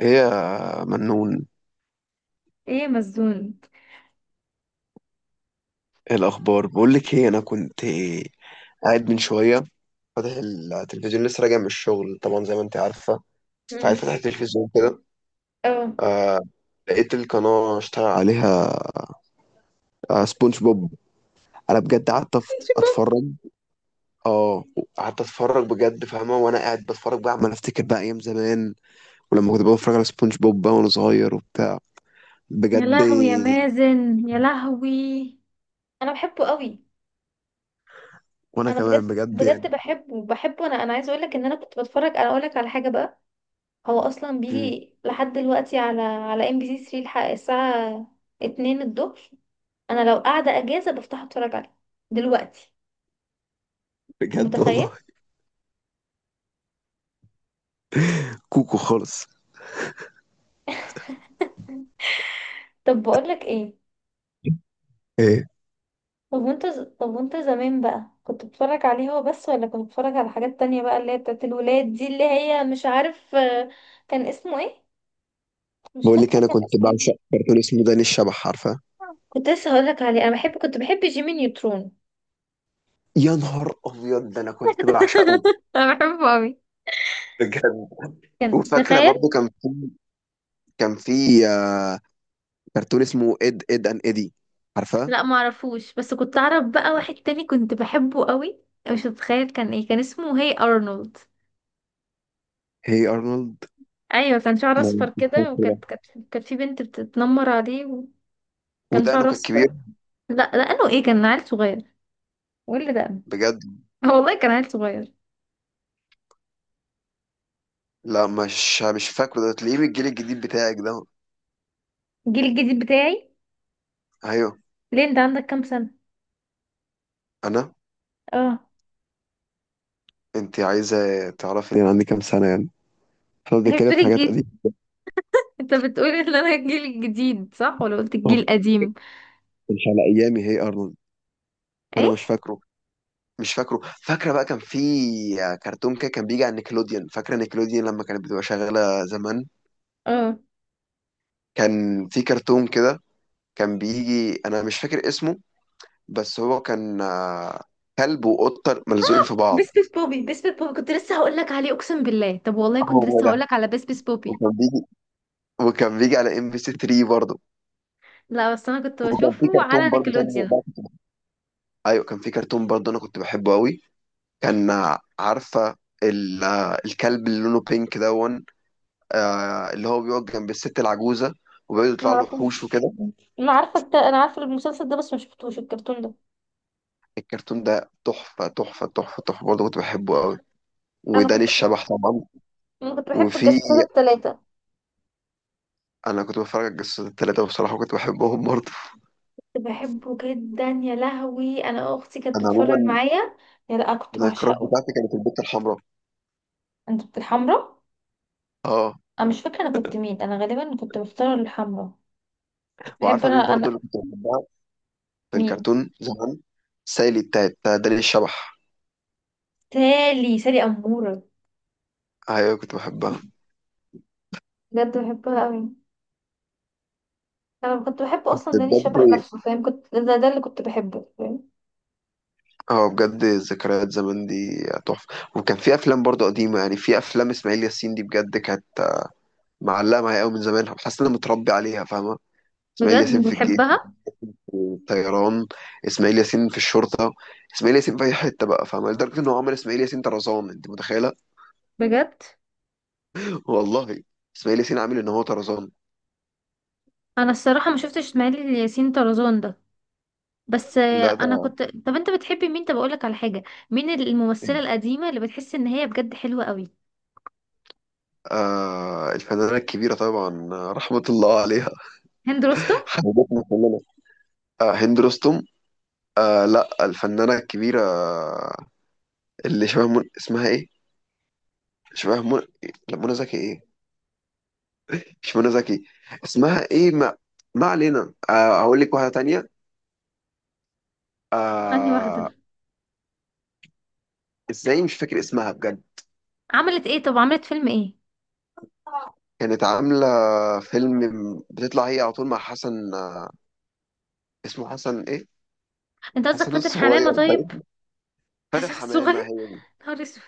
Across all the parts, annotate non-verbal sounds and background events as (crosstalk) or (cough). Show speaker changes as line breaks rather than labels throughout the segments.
ايه يا منون؟
ايه مسجون.
ايه الاخبار؟ بقول لك ايه، انا كنت قاعد من شويه فاتح التلفزيون، لسه راجع من الشغل طبعا زي ما انت عارفه. فقاعد
امم
فاتح التلفزيون كده.
اه (laughs)
آه، لقيت القناه اشتغل عليها. آه، سبونج بوب. انا بجد قعدت
شباب.
اتفرج. اه، قعدت اتفرج بجد فاهمه، وانا قاعد بتفرج بقى عمال افتكر بقى ايام زمان، ولما كنت بتفرج على سبونج بوب بقى وانا صغير وبتاع.
يا
بجد.
لهوي يا مازن يا لهوي، انا بحبه قوي.
وانا
انا بجد،
كمان بجد يعني.
بجد بحبه انا عايزه اقول لك ان انا كنت بتفرج. انا اقول لك على حاجه بقى. هو اصلا
مم،
بيجي لحد دلوقتي على ام بي سي 3، الحق الساعه 2 الظهر. انا لو قاعده اجازه بفتح اتفرج عليه دلوقتي. انت
بجد
متخيل؟
والله، كوكو خالص.
طب بقول لك ايه؟
إيه،
طب طب وانت زمان بقى كنت بتتفرج عليه هو بس ولا كنت بتتفرج على حاجات تانية بقى اللي هي بتاعت الولاد دي اللي هي مش عارف آه، كان اسمه ايه؟ مش
بقول لك
فاكرة
انا
كان
كنت
اسمه
بعشق
ايه.
كرتون اسمه داني الشبح، عارفه؟
كنت لسه هقولك عليه، انا بحب، كنت بحب جيمي نيوترون.
يا نهار ابيض، ده انا كنت بعشقه
(laughs) انا بحبه قوي.
بجد.
كان
وفاكره
تخيل.
برضو، كان في آه، كرتون اسمه اد ان ايدي، عارفه؟
لا ما اعرفوش، بس كنت اعرف بقى واحد تاني كنت بحبه قوي، مش هتخيل كان ايه، كان اسمه هي ارنولد.
هي ارنولد؟
ايوه كان شعره اصفر
مش فاكر
كده
ده.
وكانت كانت كانت في بنت بتتنمر عليه، وكان
ودقنه
شعره
كان كبير.
اصفر. لا لانه ايه كان عيل صغير واللي ده
بجد؟
(laughs) آه والله كان عيل صغير.
لا، مش فاكره ده، تلاقيه من الجيل الجديد بتاعك ده.
الجيل الجديد بتاعي؟
ايوه،
ليه، انت عندك كام سنة؟
انا.
اه.
انت عايزه تعرفي انا عندي كام سنه يعني؟ احنا
(laughs) هي
بنتكلم في
بتقولي
حاجات
الجيل،
قديمه.
انت بتقولي ان انا الجيل الجديد صح ولا قلت الجيل القديم؟
مش على ايامي هي ارنولد. انا
ايه؟
مش فاكره فاكره بقى كان في كرتون كده، كان بيجي على نيكلوديان، فاكره نيكلوديان لما كانت بتبقى شغاله زمان؟
اه.
كان في كرتون كده كان بيجي، انا مش فاكر اسمه، بس هو كان آه، كلب وقطه ملزوقين في بعض.
بس بس بوبي، بس بس بوبي، كنت لسه هقول لك عليه، اقسم بالله. طب والله كنت
هو
لسه هقول
ده.
لك على بس بس بوبي.
وكان بيجي وكان بيجي على ام بي سي 3 برضه.
لا بس انا كنت
وكان في
بشوفه
كرتون
على
برضه تاني
نيكلوديان.
بقى كنت بحبه. ايوه كان في كرتون برضه انا كنت بحبه قوي، كان آه، عارفه آه، الكلب اللي لونه بينك دون، آه، اللي هو بيقعد جنب الست العجوزه، وبيقعد
ما
يطلع له وحوش
اعرفوش.
وكده.
انا عارفه انا عارفه المسلسل ده بس ما شفتوش الكرتون ده.
الكرتون ده تحفة، تحفة تحفة تحفة، برضه كنت بحبه قوي.
انا
وداني
كنت
الشبح طبعا.
انا كنت بحب
وفي،
الجاسوسات الثلاثه.
أنا كنت بتفرج على الجاسوسات التلاتة وبصراحة كنت بحبهم برضه.
كنت بحبه جدا يا لهوي، انا اختي كانت
أنا
بتتفرج
عموما،
معايا. يا لا كنت
أنا الكراس
بعشقه.
بتاعتي كانت البت الحمراء.
انت كنت الحمرا.
اه.
انا مش فاكره انا كنت مين، انا غالبا كنت بختار الحمرا. بحب.
وعارفة مين
انا
برضه
انا
اللي كنت بحبها في
مين
الكرتون زمان؟ سايلي بتاعت بتاع داني الشبح.
سالي، سالي اموره.
أيوة كنت بحبها.
بجد بحبها قوي. انا كنت بحب اصلا
بس
داني
بجد،
الشبح نفسه، فاهم؟ كنت ده اللي كنت بحبه، فاهم.
اه بجد، ذكريات زمان دي تحفة. وكان في أفلام برضه قديمة يعني، في أفلام إسماعيل ياسين دي بجد كانت معلقة معايا قوي من زمان، حاسس إن أنا متربي عليها، فاهمة؟ إسماعيل
بجد
ياسين
انت
في الجيش،
بتحبها.
الطيران، اسماعيل ياسين في الشرطه، اسماعيل ياسين في اي حته بقى، فاهمه؟ لدرجه ان هو عمل اسماعيل ياسين طرزان، انت متخيله؟
بجد
(laughs) والله، اسماعيل ياسين عامل ان هو طرزان.
انا الصراحه ما شفتش اسماعيل ياسين طرزان ده. بس
لا
انا
ده
كنت. طب انت بتحبي مين؟ طب اقول لك على حاجه، مين الممثله القديمه اللي بتحس ان هي بجد حلوه قوي؟
آه الفنانه الكبيره طبعا، آه، رحمه الله عليها. (laughs)
هند رستم.
حبيبتنا كلنا. آه، هند رستم. آه لا، الفنانه الكبيره، آه، اللي شبه اسمها ايه؟ شبه لا، منى زكي؟ ايه، مش منى زكي. اسمها ايه؟ ما، ما علينا، آه هقول لك واحده تانية.
انهي
آه.
واحدة؟
ازاي مش فاكر اسمها بجد.
عملت ايه؟ طب عملت فيلم ايه؟
كانت عاملة فيلم بتطلع هي على طول مع حسن، آه، اسمه حسن ايه؟
انت قصدك
حسن
فاتن حمامة؟
الصغير
طيب.
باين. فاتن
حسن
حمامة
الصغير.
هي دي.
نهار اسود.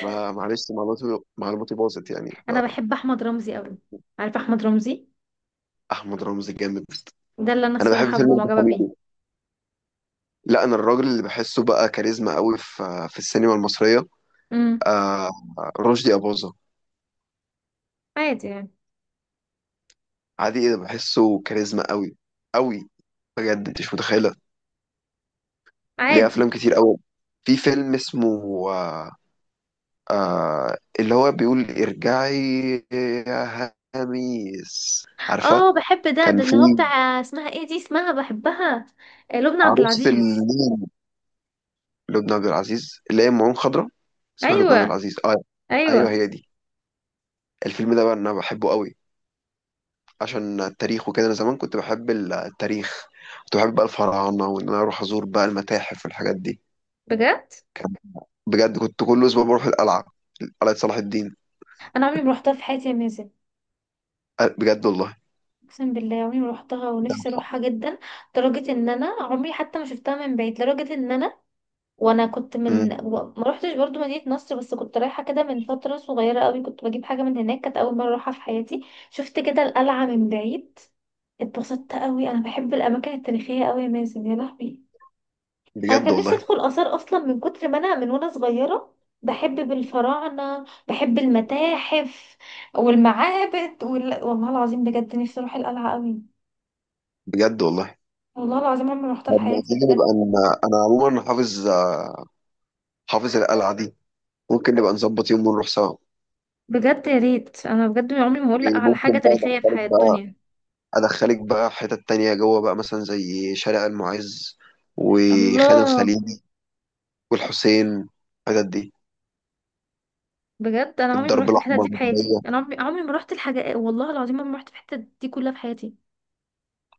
معلش، معلوماتي معلوماتي باظت يعني.
انا بحب احمد رمزي قوي، عارف احمد رمزي؟
فأحمد رمزي الجامد.
ده اللي انا
أنا بحب
الصراحة
فيلم ابن
معجبة
حميدو.
بيه.
لا، أنا الراجل اللي بحسه بقى كاريزما قوي في في السينما المصرية
امم.
آه، رشدي أباظة.
عادي يعني.
عادي؟ إيه ده، بحسه كاريزما قوي قوي، بجد أنت مش متخيلة. ليه
عادي.
أفلام كتير قوي. في فيلم اسمه آه، آه اللي هو بيقول ارجعي يا هاميس، عارفة؟
اه بحب ده،
كان
ده اللي
في
هو بتاع اسمها ايه دي، اسمها بحبها، آه، لبنى عبد
عروسة
العزيز.
المين، لبنى عبد العزيز اللي هي أم عين خضرا، اسمها لبنى عبد
ايوه.
العزيز اه. ايوه
ايوه.
هي دي. الفيلم ده بقى انا بحبه قوي عشان التاريخ وكده. انا زمان كنت بحب التاريخ، كنت بحب بقى الفراعنة، وان انا اروح ازور بقى المتاحف والحاجات دي.
بجد،
بجد كنت كل اسبوع بروح القلعة، قلعة صلاح الدين.
انا عمري ما روحتها في حياتي يا مازن.
أه، بجد والله.
اقسم بالله عمري ما روحتها
ده
ونفسي
أنا-
اروحها جدا. لدرجة ان انا عمري حتى ما شفتها من بعيد، لدرجة ان انا وانا كنت من
أمم،
و- ما روحتش برضو مدينة نصر. بس كنت رايحة كده من فترة صغيرة قوي، كنت بجيب حاجة من هناك، كانت اول مرة اروحها في حياتي. شفت كده القلعة من بعيد. اتبسطت قوي، انا بحب الاماكن التاريخية قوي يا مازن يا لهوي. انا
بجد
كان نفسي
والله.
ادخل اثار اصلا، من كتر ما انا من وانا صغيرة بحب بالفراعنة، بحب المتاحف والمعابد والله العظيم بجد نفسي اروح القلعة قوي.
بجد والله.
والله العظيم عمري ما روحتها في
طب ما
حياتي
تيجي
بجد.
نبقى انا عموما حافظ آه، حافظ القلعه دي، ممكن نبقى نظبط يوم ونروح سوا.
بجد يا ريت. انا بجد عمري ما هقول لا على حاجه
وممكن بقى
تاريخيه في
ادخلك
حياه
بقى،
الدنيا.
ادخلك بقى حتت تانية جوه بقى، مثلا زي شارع المعز وخان
الله.
الخليلي والحسين، الحتت دي،
بجد انا عمري ما
الدرب
رحت الحتت
الاحمر
دي في حياتي،
والميدانية.
انا عمري عمري ما رحت الحاجه، والله العظيم عمري ما رحت في الحتت دي كلها في حياتي.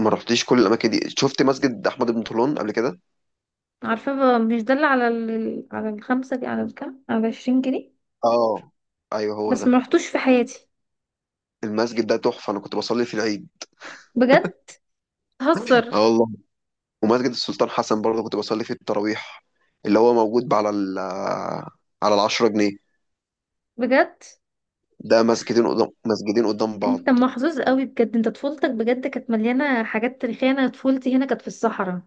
ما رحتيش كل الاماكن دي؟ شفت مسجد احمد بن طولون قبل كده؟
عارفه بقى، مش ده اللي على على الخمسه دي، على على 20 جنيه؟
اه ايوه هو
بس
ده.
ما رحتوش في حياتي.
المسجد ده تحفه، انا كنت بصلي في العيد.
بجد؟
(laughs)
هزر.
اه والله. ومسجد السلطان حسن برضه كنت بصلي فيه التراويح، اللي هو موجود على ال، على العشرة جنيه.
بجد
ده مسجدين قدام، مسجدين قدام بعض.
انت محظوظ قوي، بجد انت طفولتك بجد كانت مليانه حاجات تاريخيه. انا طفولتي هنا كانت في الصحراء،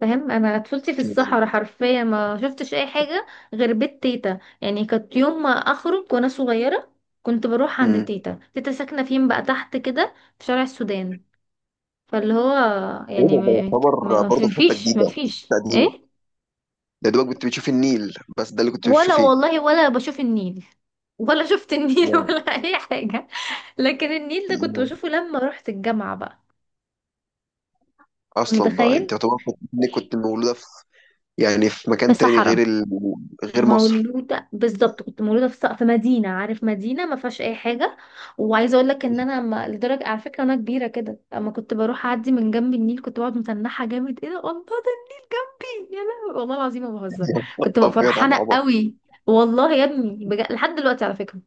فاهم؟ انا طفولتي
في
في
كيلو.
الصحراء حرفيا ما شفتش اي حاجه غير بيت تيتا. يعني كانت يوم ما اخرج وانا صغيره كنت بروح عند
امم.
تيتا. تيتا ساكنه فين بقى؟ تحت كده في شارع السودان. فاللي هو
ايه
يعني
ده، ده
ما ما-
يعتبر
ما في-
برضه في حته
فيش ما
جديده،
فيش
تقديمه.
ايه.
ده دوبك كنت بتشوف النيل، بس ده اللي كنت
ولا
بتشوفيه
والله ولا بشوف النيل، ولا شفت النيل (laughs)
يعني-
ولا اي حاجه. لكن النيل ده كنت
يعني
بشوفه لما رحت الجامعه بقى.
اصلا بقى
متخيل؟
انت يعتبر كنت، إنك كنت مولوده في، يعني في
في
مكان تاني
صحراء.
غير غير مصر.
مولودة بالظبط، كنت مولودة في في مدينة، عارف، مدينة ما فيهاش أي حاجة. وعايزة أقول لك إن أنا ما... لدرجة، على فكرة أنا كبيرة كده أما كنت بروح أعدي من جنب النيل كنت بقعد متنحة جامد، إيه ده، الله ده النيل جنبي يا لهوي، والله العظيم ما بهزر. كنت ببقى
ابيض على
فرحانة
العبط،
قوي. والله يا ابني لحد دلوقتي على فكرة،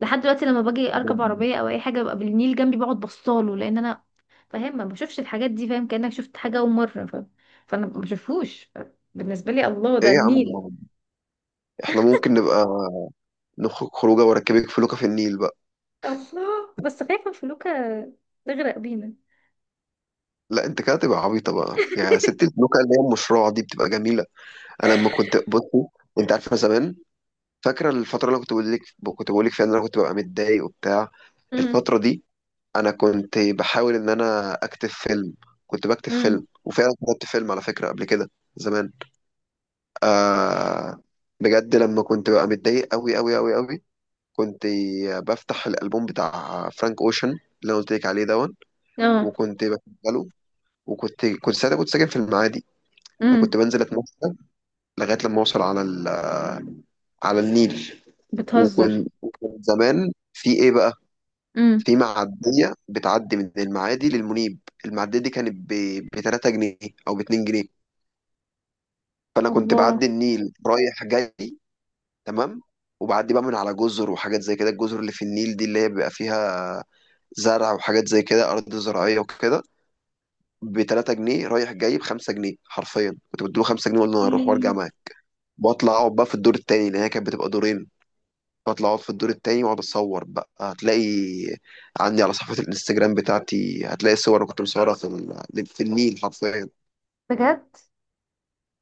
لحد دلوقتي لما باجي أركب
بجد.
عربية أو أي حاجة ببقى بالنيل جنبي بقعد بصاله، لأن أنا فاهم ما بشوفش الحاجات دي، فاهم كأنك شفت حاجة أول مرة، فاهم؟ فأنا ما بشوفهوش، بالنسبة لي الله
ايه
ده
يا عم
النيل.
العبط ده؟ احنا ممكن نبقى نخرج خروجه واركبك فلوكه في النيل بقى.
الله. بس خايفة فلوكة تغرق بينا.
لا انت كده تبقى عبيطه بقى، يعني ست البلوكه اللي هي المشروع دي بتبقى جميله. انا لما كنت بصي، انت عارفه زمان، فاكره الفتره اللي أنا كنت بقول لك، كنت بقول لك فيها ان انا كنت ببقى متضايق وبتاع؟
امم.
الفتره دي انا كنت بحاول ان انا اكتب فيلم. كنت بكتب
امم.
فيلم، وفعلا كتبت فيلم على فكره قبل كده، زمان. آه. بجد لما كنت ببقى متضايق قوي قوي قوي قوي، كنت بفتح الالبوم بتاع فرانك اوشن اللي انا قلت لك عليه دون،
اه.
وكنت بشغله. وكنت ساعتها كنت ساكن في المعادي، فكنت
امم.
بنزل اتمشى لغايه لما اوصل على على النيل.
بتهزر.
وكن وكن زمان في ايه بقى،
امم.
في معديه بتعدي من المعادي للمنيب. المعديه دي كانت ب 3 جنيه او ب 2 جنيه، فانا كنت
الله.
بعدي النيل رايح جاي تمام، وبعدي بقى من على جزر وحاجات زي كده، الجزر اللي في النيل دي اللي هي بيبقى فيها زرع وحاجات زي كده، ارض زراعيه وكده. ب 3 جنيه رايح جاي، ب 5 جنيه حرفيا كنت بديله 5 جنيه واقول له انا هروح وارجع
مم.
معاك، واطلع اقعد بقى في الدور التاني لان هي كانت بتبقى دورين. بطلع اقعد في الدور التاني واقعد اتصور بقى. هتلاقي عندي على صفحة الانستجرام بتاعتي هتلاقي صور كنت مصورها في في النيل حرفيا.
بجد،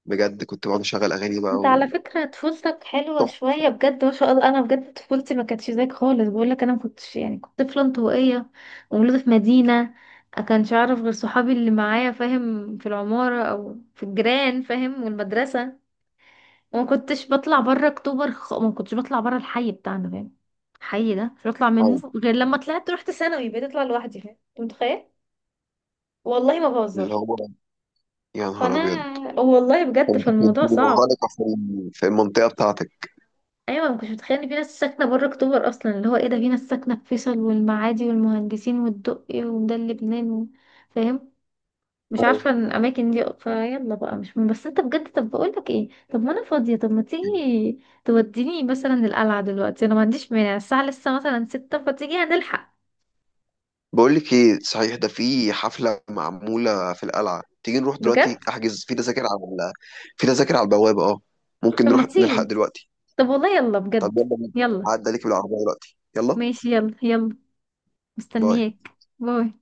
بجد كنت بقعد اشغل اغاني بقى
انت على
وتحفة،
فكرة طفولتك حلوة شوية بجد ما شاء الله. انا بجد طفولتي ما كانتش زيك خالص، بقولك انا ما كنتش يعني كنت طفلة انطوائية، ومولودة في مدينة، ما كانش اعرف غير صحابي اللي معايا فاهم، في العمارة او في الجيران فاهم والمدرسة. وما كنتش بطلع بره اكتوبر، ما كنتش بطلع بره الحي بتاعنا، فاهم؟ الحي ده مش بطلع منه غير لما طلعت رحت ثانوي بقيت اطلع لوحدي، فاهم، انت متخيل؟ والله ما بهزر.
اللي هو يا نهار ابيض.
فانا والله بجد
كنت كنت
فالموضوع صعب.
منغلقة في في المنطقة بتاعتك.
ايوه ما كنتش متخيل ان في ناس ساكنه بره اكتوبر اصلا، اللي هو ايه ده، في ناس ساكنه في فيصل والمعادي والمهندسين والدقي وده لبنان فاهم. مش
أيوة.
عارفة الأماكن دي، فيلا بقى مش مهم. بس أنت بجد، طب بقولك إيه، طب ما أنا فاضية، طب ما تيجي توديني مثلا القلعة دلوقتي؟ أنا ما عنديش مانع. الساعة لسه مثلا 6 فتيجي هنلحق.
بقول لك ايه صحيح، ده في حفلة معمولة في القلعة، تيجي نروح
بجد؟
دلوقتي؟ احجز في تذاكر على ال، في تذاكر على البوابة اه، ممكن
طب ما
نروح نلحق
تيجي.
دلوقتي.
طب والله يلا
طب
بجد.
يلا بينا.
يلا.
هعدي عليك بالعربية دلوقتي، يلا،
ماشي يلا يلا.
باي.
مستنياك. باي.